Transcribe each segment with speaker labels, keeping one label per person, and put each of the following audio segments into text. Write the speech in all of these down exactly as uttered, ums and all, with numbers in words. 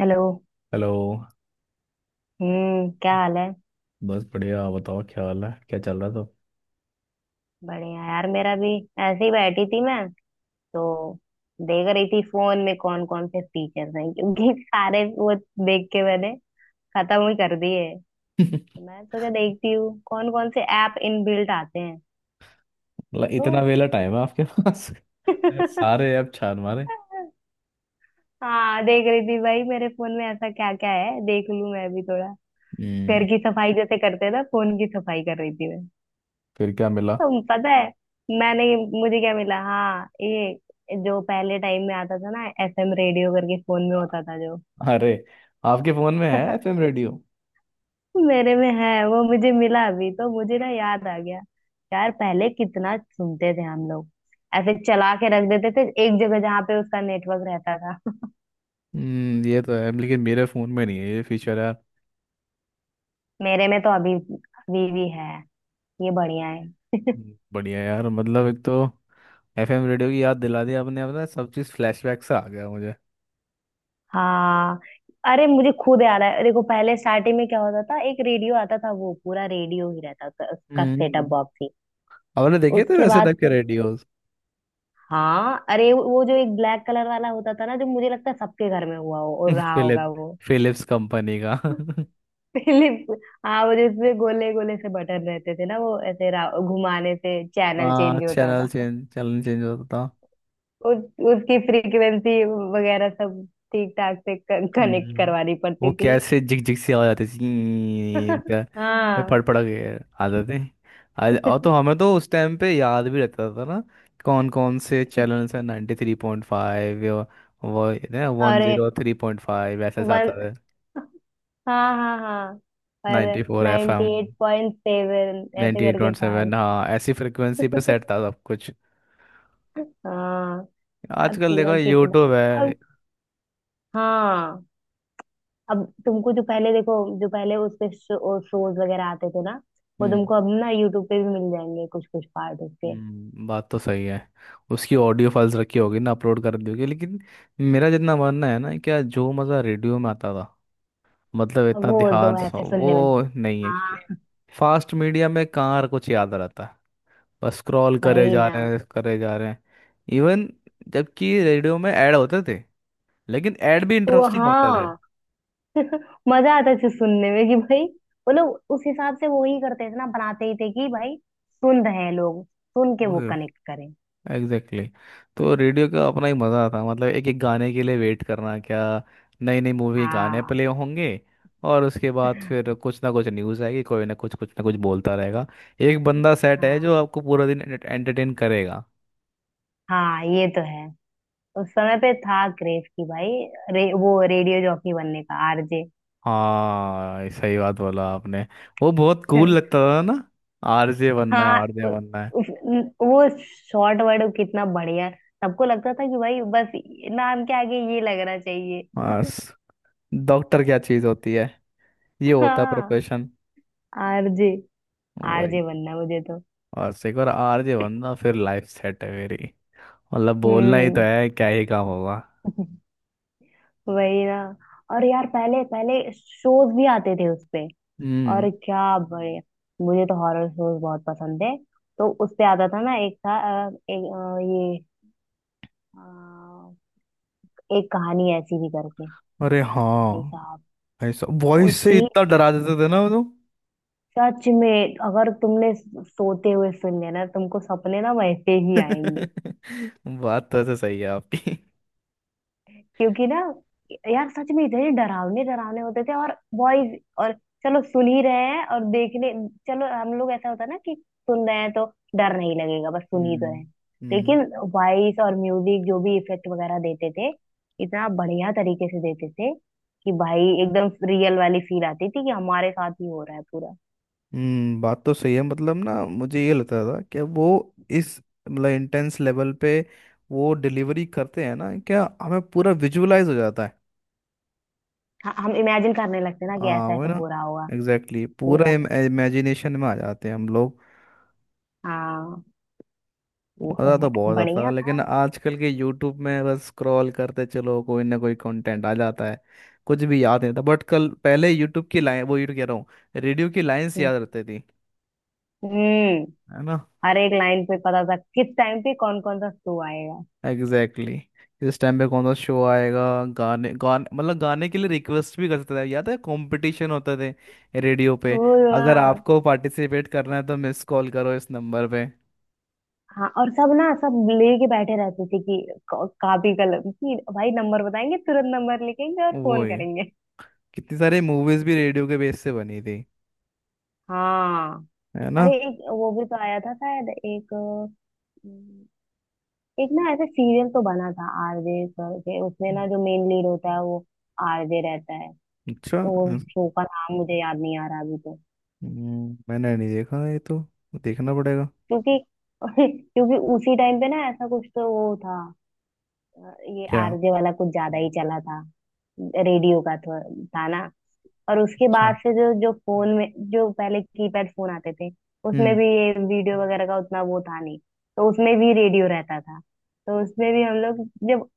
Speaker 1: Hello.
Speaker 2: Hello.
Speaker 1: हम्म क्या हाल है।
Speaker 2: बस बढ़िया, बताओ क्या हाल है, क्या चल रहा था?
Speaker 1: बढ़िया यार मेरा भी। ऐसे ही बैठी थी मैं। तो देख रही थी फोन में कौन कौन से फीचर्स हैं क्योंकि सारे वो देख के मैंने खत्म ही कर दिए। तो मैं सोचा देखती हूँ कौन कौन से ऐप इनबिल्ट आते हैं।
Speaker 2: मतलब इतना
Speaker 1: तो
Speaker 2: वेला टाइम है आपके पास? सारे ऐप छान मारे।
Speaker 1: हाँ देख रही थी भाई मेरे फोन में ऐसा क्या क्या है देख लूँ मैं भी थोड़ा। घर
Speaker 2: हम्म।
Speaker 1: की सफाई जैसे करते हैं ना फोन की सफाई कर रही थी।
Speaker 2: फिर क्या मिला?
Speaker 1: तुम पता है मैंने मुझे क्या मिला। हाँ ये जो पहले टाइम में आता था ना एफएम रेडियो करके फोन में होता था जो।
Speaker 2: अरे, आपके फोन में है एफएम रेडियो?
Speaker 1: मेरे में है वो मुझे मिला अभी तो मुझे ना याद आ गया। यार पहले कितना सुनते थे हम लोग। ऐसे चला के रख देते थे एक जगह जहाँ पे उसका नेटवर्क रहता था।
Speaker 2: हम्म, ये तो है लेकिन मेरे फोन में नहीं है ये फीचर यार।
Speaker 1: मेरे में तो अभी अभी भी है। ये बढ़िया है।
Speaker 2: हम्म, बढ़िया यार, मतलब एक तो एफएम रेडियो की याद दिला दी आपने, अपना सब चीज़ फ्लैशबैक से आ गया मुझे।
Speaker 1: हाँ अरे मुझे खुद याद है। देखो पहले स्टार्टिंग में क्या होता था एक रेडियो आता था वो पूरा रेडियो ही रहता था उसका सेटअप
Speaker 2: हम्म।
Speaker 1: बॉक्स ही।
Speaker 2: आपने देखे थे
Speaker 1: उसके
Speaker 2: वैसे
Speaker 1: बाद
Speaker 2: टाइप के
Speaker 1: क्या।
Speaker 2: रेडियोस?
Speaker 1: हाँ अरे वो जो एक ब्लैक कलर वाला होता था ना जो मुझे लगता है सबके घर में हुआ हो और रहा होगा
Speaker 2: फिलिप
Speaker 1: वो।
Speaker 2: फिलिप्स कंपनी का
Speaker 1: पहले हाँ वो जिसमें गोले गोले से बटन रहते थे ना वो ऐसे रा- घुमाने से चैनल
Speaker 2: हाँ,
Speaker 1: चेंज होता
Speaker 2: चैनल
Speaker 1: था।
Speaker 2: चेंज चैनल चेंज होता था।
Speaker 1: उस उसकी फ्रीक्वेंसी वगैरह सब ठीक ठाक से कनेक्ट
Speaker 2: हम्म,
Speaker 1: करवानी
Speaker 2: वो
Speaker 1: पड़ती थी।
Speaker 2: कैसे झिक झिक सी आवाज आती थी क्या? फिर फड़
Speaker 1: हाँ
Speaker 2: फड़ के आ जाते। आज और तो हमें तो उस टाइम पे याद भी रहता था ना कौन कौन से चैनल्स हैं। नाइन्टी थ्री पॉइंट फाइव, वो वन
Speaker 1: अरे
Speaker 2: जीरो थ्री पॉइंट फाइव ऐसे से आता
Speaker 1: वन
Speaker 2: है।
Speaker 1: हाँ हाँ हाँ और
Speaker 2: ninety four F
Speaker 1: ninety
Speaker 2: M
Speaker 1: eight point seven ऐसे
Speaker 2: नाइन्टी एट
Speaker 1: करके
Speaker 2: पॉइंट
Speaker 1: था।
Speaker 2: सेवन हाँ ऐसी फ्रिक्वेंसी पे सेट था सब कुछ।
Speaker 1: हाँ यार
Speaker 2: आजकल
Speaker 1: पूरा
Speaker 2: देखो यूट्यूब
Speaker 1: कितना
Speaker 2: है।
Speaker 1: अब। हाँ अब तुमको जो पहले देखो जो पहले उस पे शो, शोज वगैरह आते थे ना। वो
Speaker 2: हम्म।
Speaker 1: तुमको अब ना यूट्यूब पे भी मिल जाएंगे कुछ कुछ पार्ट उसके।
Speaker 2: हम्म, बात तो सही है। उसकी ऑडियो फाइल्स रखी होगी ना, अपलोड कर दी होगी, लेकिन मेरा जितना मानना है ना क्या, जो मज़ा रेडियो में आता था, मतलब
Speaker 1: अब
Speaker 2: इतना
Speaker 1: वो दो
Speaker 2: ध्यान से सुनो,
Speaker 1: ऐसे सुनने में।
Speaker 2: वो नहीं है, क्योंकि
Speaker 1: हाँ
Speaker 2: फास्ट मीडिया में कहाँ कुछ याद रहता है, बस स्क्रॉल करे
Speaker 1: भाई
Speaker 2: जा
Speaker 1: ना
Speaker 2: रहे हैं, करे जा रहे हैं। इवन जबकि रेडियो में ऐड होते थे, लेकिन ऐड भी
Speaker 1: वो
Speaker 2: इंटरेस्टिंग होता
Speaker 1: हाँ। मजा आता था सुनने में कि भाई वो लोग उस हिसाब से वो ही करते थे ना बनाते ही थे कि भाई सुन रहे हैं लोग सुन के वो
Speaker 2: थे।
Speaker 1: कनेक्ट करें।
Speaker 2: Exactly exactly। तो रेडियो का अपना ही मज़ा था, मतलब एक एक गाने के लिए वेट करना, क्या नई नई मूवी के गाने
Speaker 1: हाँ
Speaker 2: प्ले होंगे, और उसके बाद फिर कुछ ना कुछ न्यूज़ आएगी, कोई ना कुछ कुछ ना कुछ बोलता रहेगा। एक बंदा सेट है जो
Speaker 1: हाँ
Speaker 2: आपको पूरा दिन एंटरटेन करेगा।
Speaker 1: हाँ ये तो है। उस समय पे था क्रेज की भाई रे, वो रेडियो जॉकी बनने का आरजे।
Speaker 2: हाँ, सही बात बोला आपने, वो बहुत कूल लगता था ना। आरजे बनना है,
Speaker 1: हाँ उ,
Speaker 2: आरजे बनना है।
Speaker 1: उस, न- वो शॉर्ट वर्ड कितना बढ़िया। सबको लगता था कि भाई बस नाम के आगे ये लगना चाहिए।
Speaker 2: बस, डॉक्टर क्या चीज़ होती है, ये होता है
Speaker 1: हाँ
Speaker 2: प्रोफेशन।
Speaker 1: आरजे।
Speaker 2: वही,
Speaker 1: आरजे बनना है मुझे तो।
Speaker 2: बस एक बार आरजे बनना, फिर लाइफ सेट है मेरी। मतलब बोलना ही तो
Speaker 1: हम्म
Speaker 2: है, क्या ही काम होगा।
Speaker 1: वही ना। और यार पहले पहले शोज भी आते थे उसपे।
Speaker 2: हम्म।
Speaker 1: और क्या बढ़िया। मुझे तो हॉरर शोज बहुत पसंद थे। तो उसपे आता था ना एक था अ, एक अ, ये एक कहानी ऐसी भी करके।
Speaker 2: अरे
Speaker 1: भाई
Speaker 2: हाँ,
Speaker 1: साहब।
Speaker 2: ऐसा
Speaker 1: वो
Speaker 2: वॉइस से
Speaker 1: इतनी
Speaker 2: इतना डरा देते थे ना वो तो।
Speaker 1: सच में अगर तुमने सोते हुए सुन लिया ना तुमको सपने ना वैसे ही आएंगे।
Speaker 2: बात तो ऐसे सही है आपकी।
Speaker 1: क्योंकि ना यार सच में इतने डरावने डरावने होते थे और वॉइस और चलो सुन ही रहे हैं और देखने चलो हम लोग ऐसा होता है ना कि सुन रहे हैं तो डर नहीं लगेगा बस सुन ही तो
Speaker 2: हम्म।
Speaker 1: रहे हैं।
Speaker 2: हम्म।
Speaker 1: लेकिन वॉइस और म्यूजिक जो भी इफेक्ट वगैरह देते थे इतना बढ़िया तरीके से देते थे कि भाई एकदम रियल वाली फील आती थी कि हमारे साथ ही हो रहा है पूरा।
Speaker 2: हम्म, बात तो सही है, मतलब ना मुझे ये लगता था कि वो इस मतलब इंटेंस लेवल पे वो डिलीवरी करते हैं ना क्या, हमें पूरा विजुअलाइज हो जाता है।
Speaker 1: हाँ, हम इमेजिन करने लगते हैं ना कि
Speaker 2: हाँ
Speaker 1: ऐसा
Speaker 2: वो है
Speaker 1: ऐसा
Speaker 2: ना,
Speaker 1: हो रहा होगा
Speaker 2: एग्जैक्टली exactly, पूरा
Speaker 1: पूरा।
Speaker 2: इमेजिनेशन में आ जाते हैं हम लोग।
Speaker 1: हाँ ये तो
Speaker 2: मज़ा तो
Speaker 1: है।
Speaker 2: बहुत आता था,
Speaker 1: बढ़िया
Speaker 2: लेकिन
Speaker 1: था।
Speaker 2: आजकल के यूट्यूब में बस स्क्रॉल करते चलो, कोई ना कोई कंटेंट आ जाता है, कुछ भी याद नहीं। था बट कल पहले यूट्यूब की लाइन, वो यूट्यूब कह रहा हूँ, रेडियो की लाइंस
Speaker 1: हम्म
Speaker 2: याद रहती थी,
Speaker 1: हम्म,
Speaker 2: है ना।
Speaker 1: हर एक लाइन पे पता था किस टाइम पे कौन कौन सा शो आएगा।
Speaker 2: Exactly exactly। इस टाइम पे कौन सा शो आएगा, गाने गाने, मतलब गाने के लिए रिक्वेस्ट भी करते थे, याद है कंपटीशन होते थे रेडियो पे,
Speaker 1: वो,
Speaker 2: अगर
Speaker 1: हाँ।
Speaker 2: आपको पार्टिसिपेट करना है तो मिस कॉल करो इस नंबर पे।
Speaker 1: हाँ, और सब ना सब लेके बैठे रहते थे कि क- कॉपी कलम कि भाई नंबर बताएंगे तुरंत नंबर लिखेंगे और फोन
Speaker 2: वही,
Speaker 1: करेंगे।
Speaker 2: कितनी सारी मूवीज भी रेडियो के बेस से बनी थी,
Speaker 1: हाँ
Speaker 2: है ना।
Speaker 1: अरे एक वो भी तो आया था शायद एक अम, एक ना ऐसे सीरियल तो बना था आरजे करके उसमें ना जो मेन लीड होता है वो आरजे रहता है।
Speaker 2: अच्छा।
Speaker 1: वो शो का नाम मुझे याद नहीं आ रहा अभी तो।
Speaker 2: हम्म, मैंने नहीं देखा ये तो, देखना पड़ेगा।
Speaker 1: क्योंकि क्योंकि उसी टाइम पे ना ऐसा कुछ तो वो था। अ, ये
Speaker 2: क्या
Speaker 1: आरजे वाला कुछ ज्यादा ही चला था रेडियो का तो था ना। और उसके
Speaker 2: अच्छा।
Speaker 1: बाद से जो जो फोन में जो पहले कीपैड फोन आते थे उसमें
Speaker 2: हम्म।
Speaker 1: भी ये वीडियो वगैरह का उतना वो था नहीं। तो उसमें भी रेडियो रहता था तो उसमें भी हम लोग जब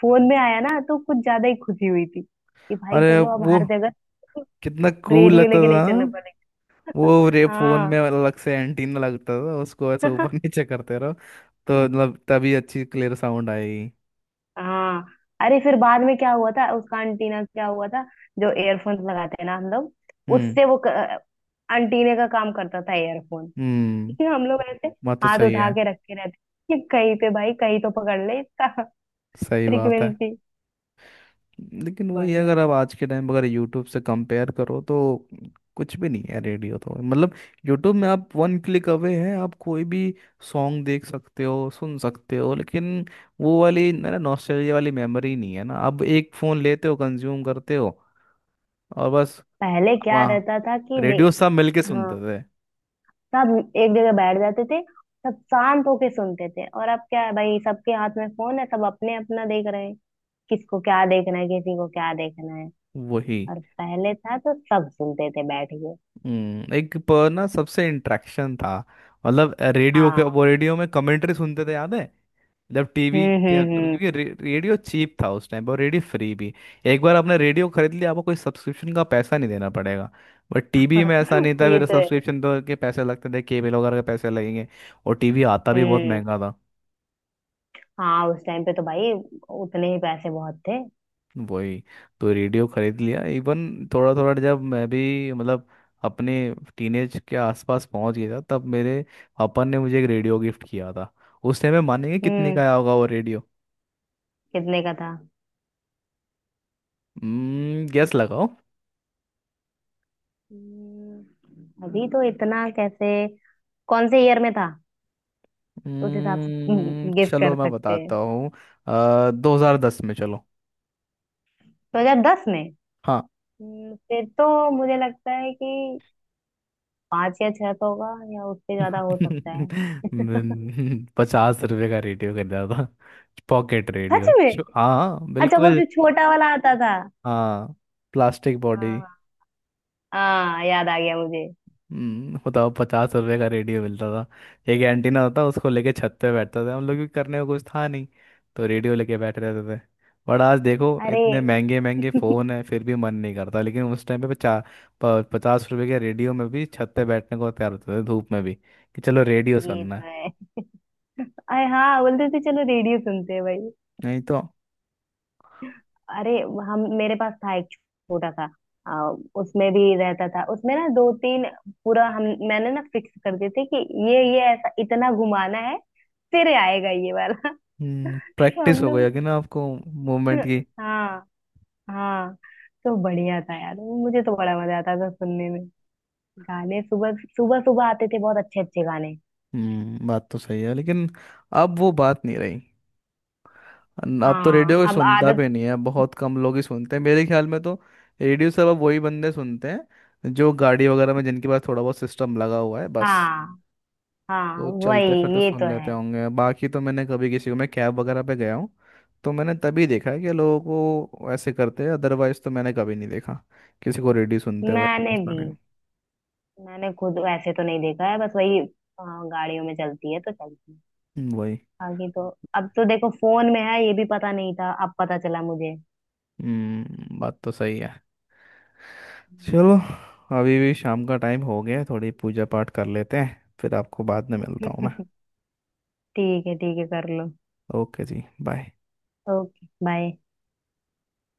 Speaker 1: फोन में आया ना तो कुछ ज्यादा ही खुशी हुई थी कि भाई
Speaker 2: अरे
Speaker 1: चलो अब
Speaker 2: वो
Speaker 1: हर जगह।
Speaker 2: कितना कूल
Speaker 1: रेडियो
Speaker 2: लगता
Speaker 1: लेके नहीं
Speaker 2: था
Speaker 1: चलना
Speaker 2: ना?
Speaker 1: पड़ेगा।
Speaker 2: वो रे फोन में
Speaker 1: हाँ
Speaker 2: अलग से एंटीना लगता था, उसको ऐसे ऊपर नीचे करते रहो तो मतलब तभी अच्छी क्लियर साउंड आएगी।
Speaker 1: हाँ अरे फिर बाद में क्या हुआ था उसका अंटीना क्या हुआ था जो एयरफोन लगाते हैं ना हम लोग
Speaker 2: हम्म।
Speaker 1: उससे वो क- अंटीने का काम करता था एयरफोन।
Speaker 2: हम्म,
Speaker 1: हम लोग ऐसे
Speaker 2: बात तो
Speaker 1: हाथ
Speaker 2: सही
Speaker 1: उठा
Speaker 2: है।
Speaker 1: के रखे रहते कि कहीं पे भाई कहीं तो पकड़ ले इसका
Speaker 2: सही बात है,
Speaker 1: फ्रीक्वेंसी।
Speaker 2: लेकिन वही है,
Speaker 1: बढ़िया
Speaker 2: अगर
Speaker 1: था।
Speaker 2: आप आज के टाइम अगर यूट्यूब से कंपेयर करो तो कुछ भी नहीं है रेडियो तो, मतलब यूट्यूब में आप वन क्लिक अवे हैं, आप कोई भी सॉन्ग देख सकते हो, सुन सकते हो, लेकिन वो वाली मेरा नॉस्टैल्जिया वाली मेमोरी नहीं है ना, अब एक फ़ोन लेते हो, कंज्यूम करते हो, और बस।
Speaker 1: पहले क्या
Speaker 2: वहाँ
Speaker 1: रहता था कि दे
Speaker 2: रेडियो सब मिलके
Speaker 1: हाँ
Speaker 2: सुनते थे।
Speaker 1: सब एक जगह बैठ जाते थे। सब शांत होके सुनते थे और अब क्या है भाई सबके हाथ में फोन है सब अपने अपना देख रहे हैं। किसको क्या देखना है किसी को क्या देखना है।
Speaker 2: वही।
Speaker 1: और पहले था तो सब सुनते थे बैठ के।
Speaker 2: हम्म, एक पर ना सबसे इंटरेक्शन था, मतलब रेडियो के
Speaker 1: हाँ
Speaker 2: वो रेडियो में कमेंट्री सुनते थे, याद है, जब टीवी
Speaker 1: हम्म हम्म
Speaker 2: क्योंकि रे, रेडियो चीप था उस टाइम पर, और रेडियो फ्री भी। एक बार आपने रेडियो खरीद लिया, आपको कोई सब्सक्रिप्शन का पैसा नहीं देना पड़ेगा, बट टीवी में ऐसा
Speaker 1: हम्म
Speaker 2: नहीं था,
Speaker 1: ये
Speaker 2: फिर
Speaker 1: तो है।
Speaker 2: सब्सक्रिप्शन तो के पैसे लगते थे, केबल वगैरह के पैसे लगेंगे। और टीवी आता भी बहुत
Speaker 1: हम्म
Speaker 2: महंगा था।
Speaker 1: हाँ उस टाइम पे तो भाई उतने ही पैसे बहुत थे।
Speaker 2: वही, तो रेडियो खरीद लिया। इवन थोड़ा थोड़ा जब मैं भी मतलब अपने टीनेज के आसपास पहुंच गया था, तब मेरे पापा ने मुझे एक रेडियो गिफ्ट किया था। उस टाइम में मानेंगे कितने
Speaker 1: हम्म
Speaker 2: का आया होगा वो रेडियो।
Speaker 1: कितने का था।
Speaker 2: हम्म, गेस लगाओ।
Speaker 1: हम्म। अभी तो इतना कैसे कौन से ईयर में था उस हिसाब से
Speaker 2: हम्म,
Speaker 1: गेस
Speaker 2: चलो
Speaker 1: कर
Speaker 2: मैं
Speaker 1: सकते
Speaker 2: बताता
Speaker 1: हैं।
Speaker 2: हूँ, दो हजार दस में, चलो।
Speaker 1: दो हजार दस में।
Speaker 2: हाँ।
Speaker 1: हम्म, फिर तो मुझे लगता है कि पांच या छह तो होगा या उससे ज्यादा हो सकता है।
Speaker 2: पचास रुपए का रेडियो खरीदा था, पॉकेट
Speaker 1: सच
Speaker 2: रेडियो।
Speaker 1: में।
Speaker 2: हाँ
Speaker 1: अच्छा वो
Speaker 2: बिल्कुल।
Speaker 1: जो छोटा वाला आता था।
Speaker 2: हाँ, प्लास्टिक बॉडी।
Speaker 1: हाँ हाँ याद आ गया मुझे।
Speaker 2: हम्म, बताओ, पचास रुपए का रेडियो मिलता था। एक एंटीना होता, उसको लेके छत पे बैठता था, हम लोग भी करने को कुछ था नहीं तो रेडियो लेके बैठ रहते थे। बट आज देखो
Speaker 1: अरे
Speaker 2: इतने महंगे महंगे फ़ोन है फिर भी मन नहीं करता, लेकिन उस टाइम पे पचा, प, पचास रुपए के रेडियो में भी छत पे बैठने को तैयार होते थे, धूप में भी, कि चलो रेडियो
Speaker 1: ये
Speaker 2: सुनना
Speaker 1: तो
Speaker 2: है।
Speaker 1: है। अरे हाँ बोलते थे चलो रेडियो सुनते हैं भाई।
Speaker 2: नहीं तो।
Speaker 1: अरे हम मेरे पास था एक छोटा सा आ, उसमें भी रहता था। उसमें ना दो तीन पूरा हम मैंने ना फिक्स कर दिए थे कि ये ये ऐसा इतना घुमाना है फिर आएगा ये वाला।
Speaker 2: हम्म,
Speaker 1: तो
Speaker 2: प्रैक्टिस
Speaker 1: हम
Speaker 2: हो
Speaker 1: लोग
Speaker 2: गया कि ना आपको, मूवमेंट की।
Speaker 1: हाँ हाँ। तो बढ़िया था यार मुझे तो बड़ा मजा आता था सुनने में। गाने सुबह सुबह सुबह आते थे बहुत अच्छे अच्छे गाने।
Speaker 2: हम्म, बात तो सही है, लेकिन अब वो बात नहीं रही। न- अब तो रेडियो
Speaker 1: हाँ
Speaker 2: कोई
Speaker 1: अब
Speaker 2: सुनता
Speaker 1: आदत।
Speaker 2: भी नहीं है, बहुत कम लोग ही सुनते हैं मेरे ख्याल में तो। रेडियो सब अब वही बंदे सुनते हैं जो गाड़ी वगैरह में, जिनके पास थोड़ा बहुत सिस्टम लगा हुआ है बस।
Speaker 1: हाँ हाँ
Speaker 2: वो
Speaker 1: वही
Speaker 2: चलते फिरते
Speaker 1: ये तो
Speaker 2: सुन
Speaker 1: है।
Speaker 2: लेते होंगे, बाकी तो मैंने कभी किसी को, मैं कैब वगैरह पे गया हूँ तो मैंने तभी देखा है कि लोगों को ऐसे करते हैं, अदरवाइज तो मैंने कभी नहीं देखा किसी को रेडियो सुनते हुए ऐसे,
Speaker 1: मैंने
Speaker 2: पता
Speaker 1: भी
Speaker 2: नहीं।
Speaker 1: मैंने खुद ऐसे तो नहीं देखा है बस वही। हाँ, गाड़ियों में चलती है तो चलती है।
Speaker 2: हम्म, वही।
Speaker 1: बाकी तो अब तो देखो फोन में है ये भी पता नहीं था अब पता चला मुझे।
Speaker 2: हम्म, बात तो सही है।
Speaker 1: हम्म।
Speaker 2: चलो, अभी भी शाम का टाइम हो गया है, थोड़ी पूजा पाठ कर लेते हैं, फिर आपको बाद में मिलता हूँ मैं।
Speaker 1: ठीक है ठीक है कर लो।
Speaker 2: ओके जी, बाय।
Speaker 1: Okay bye.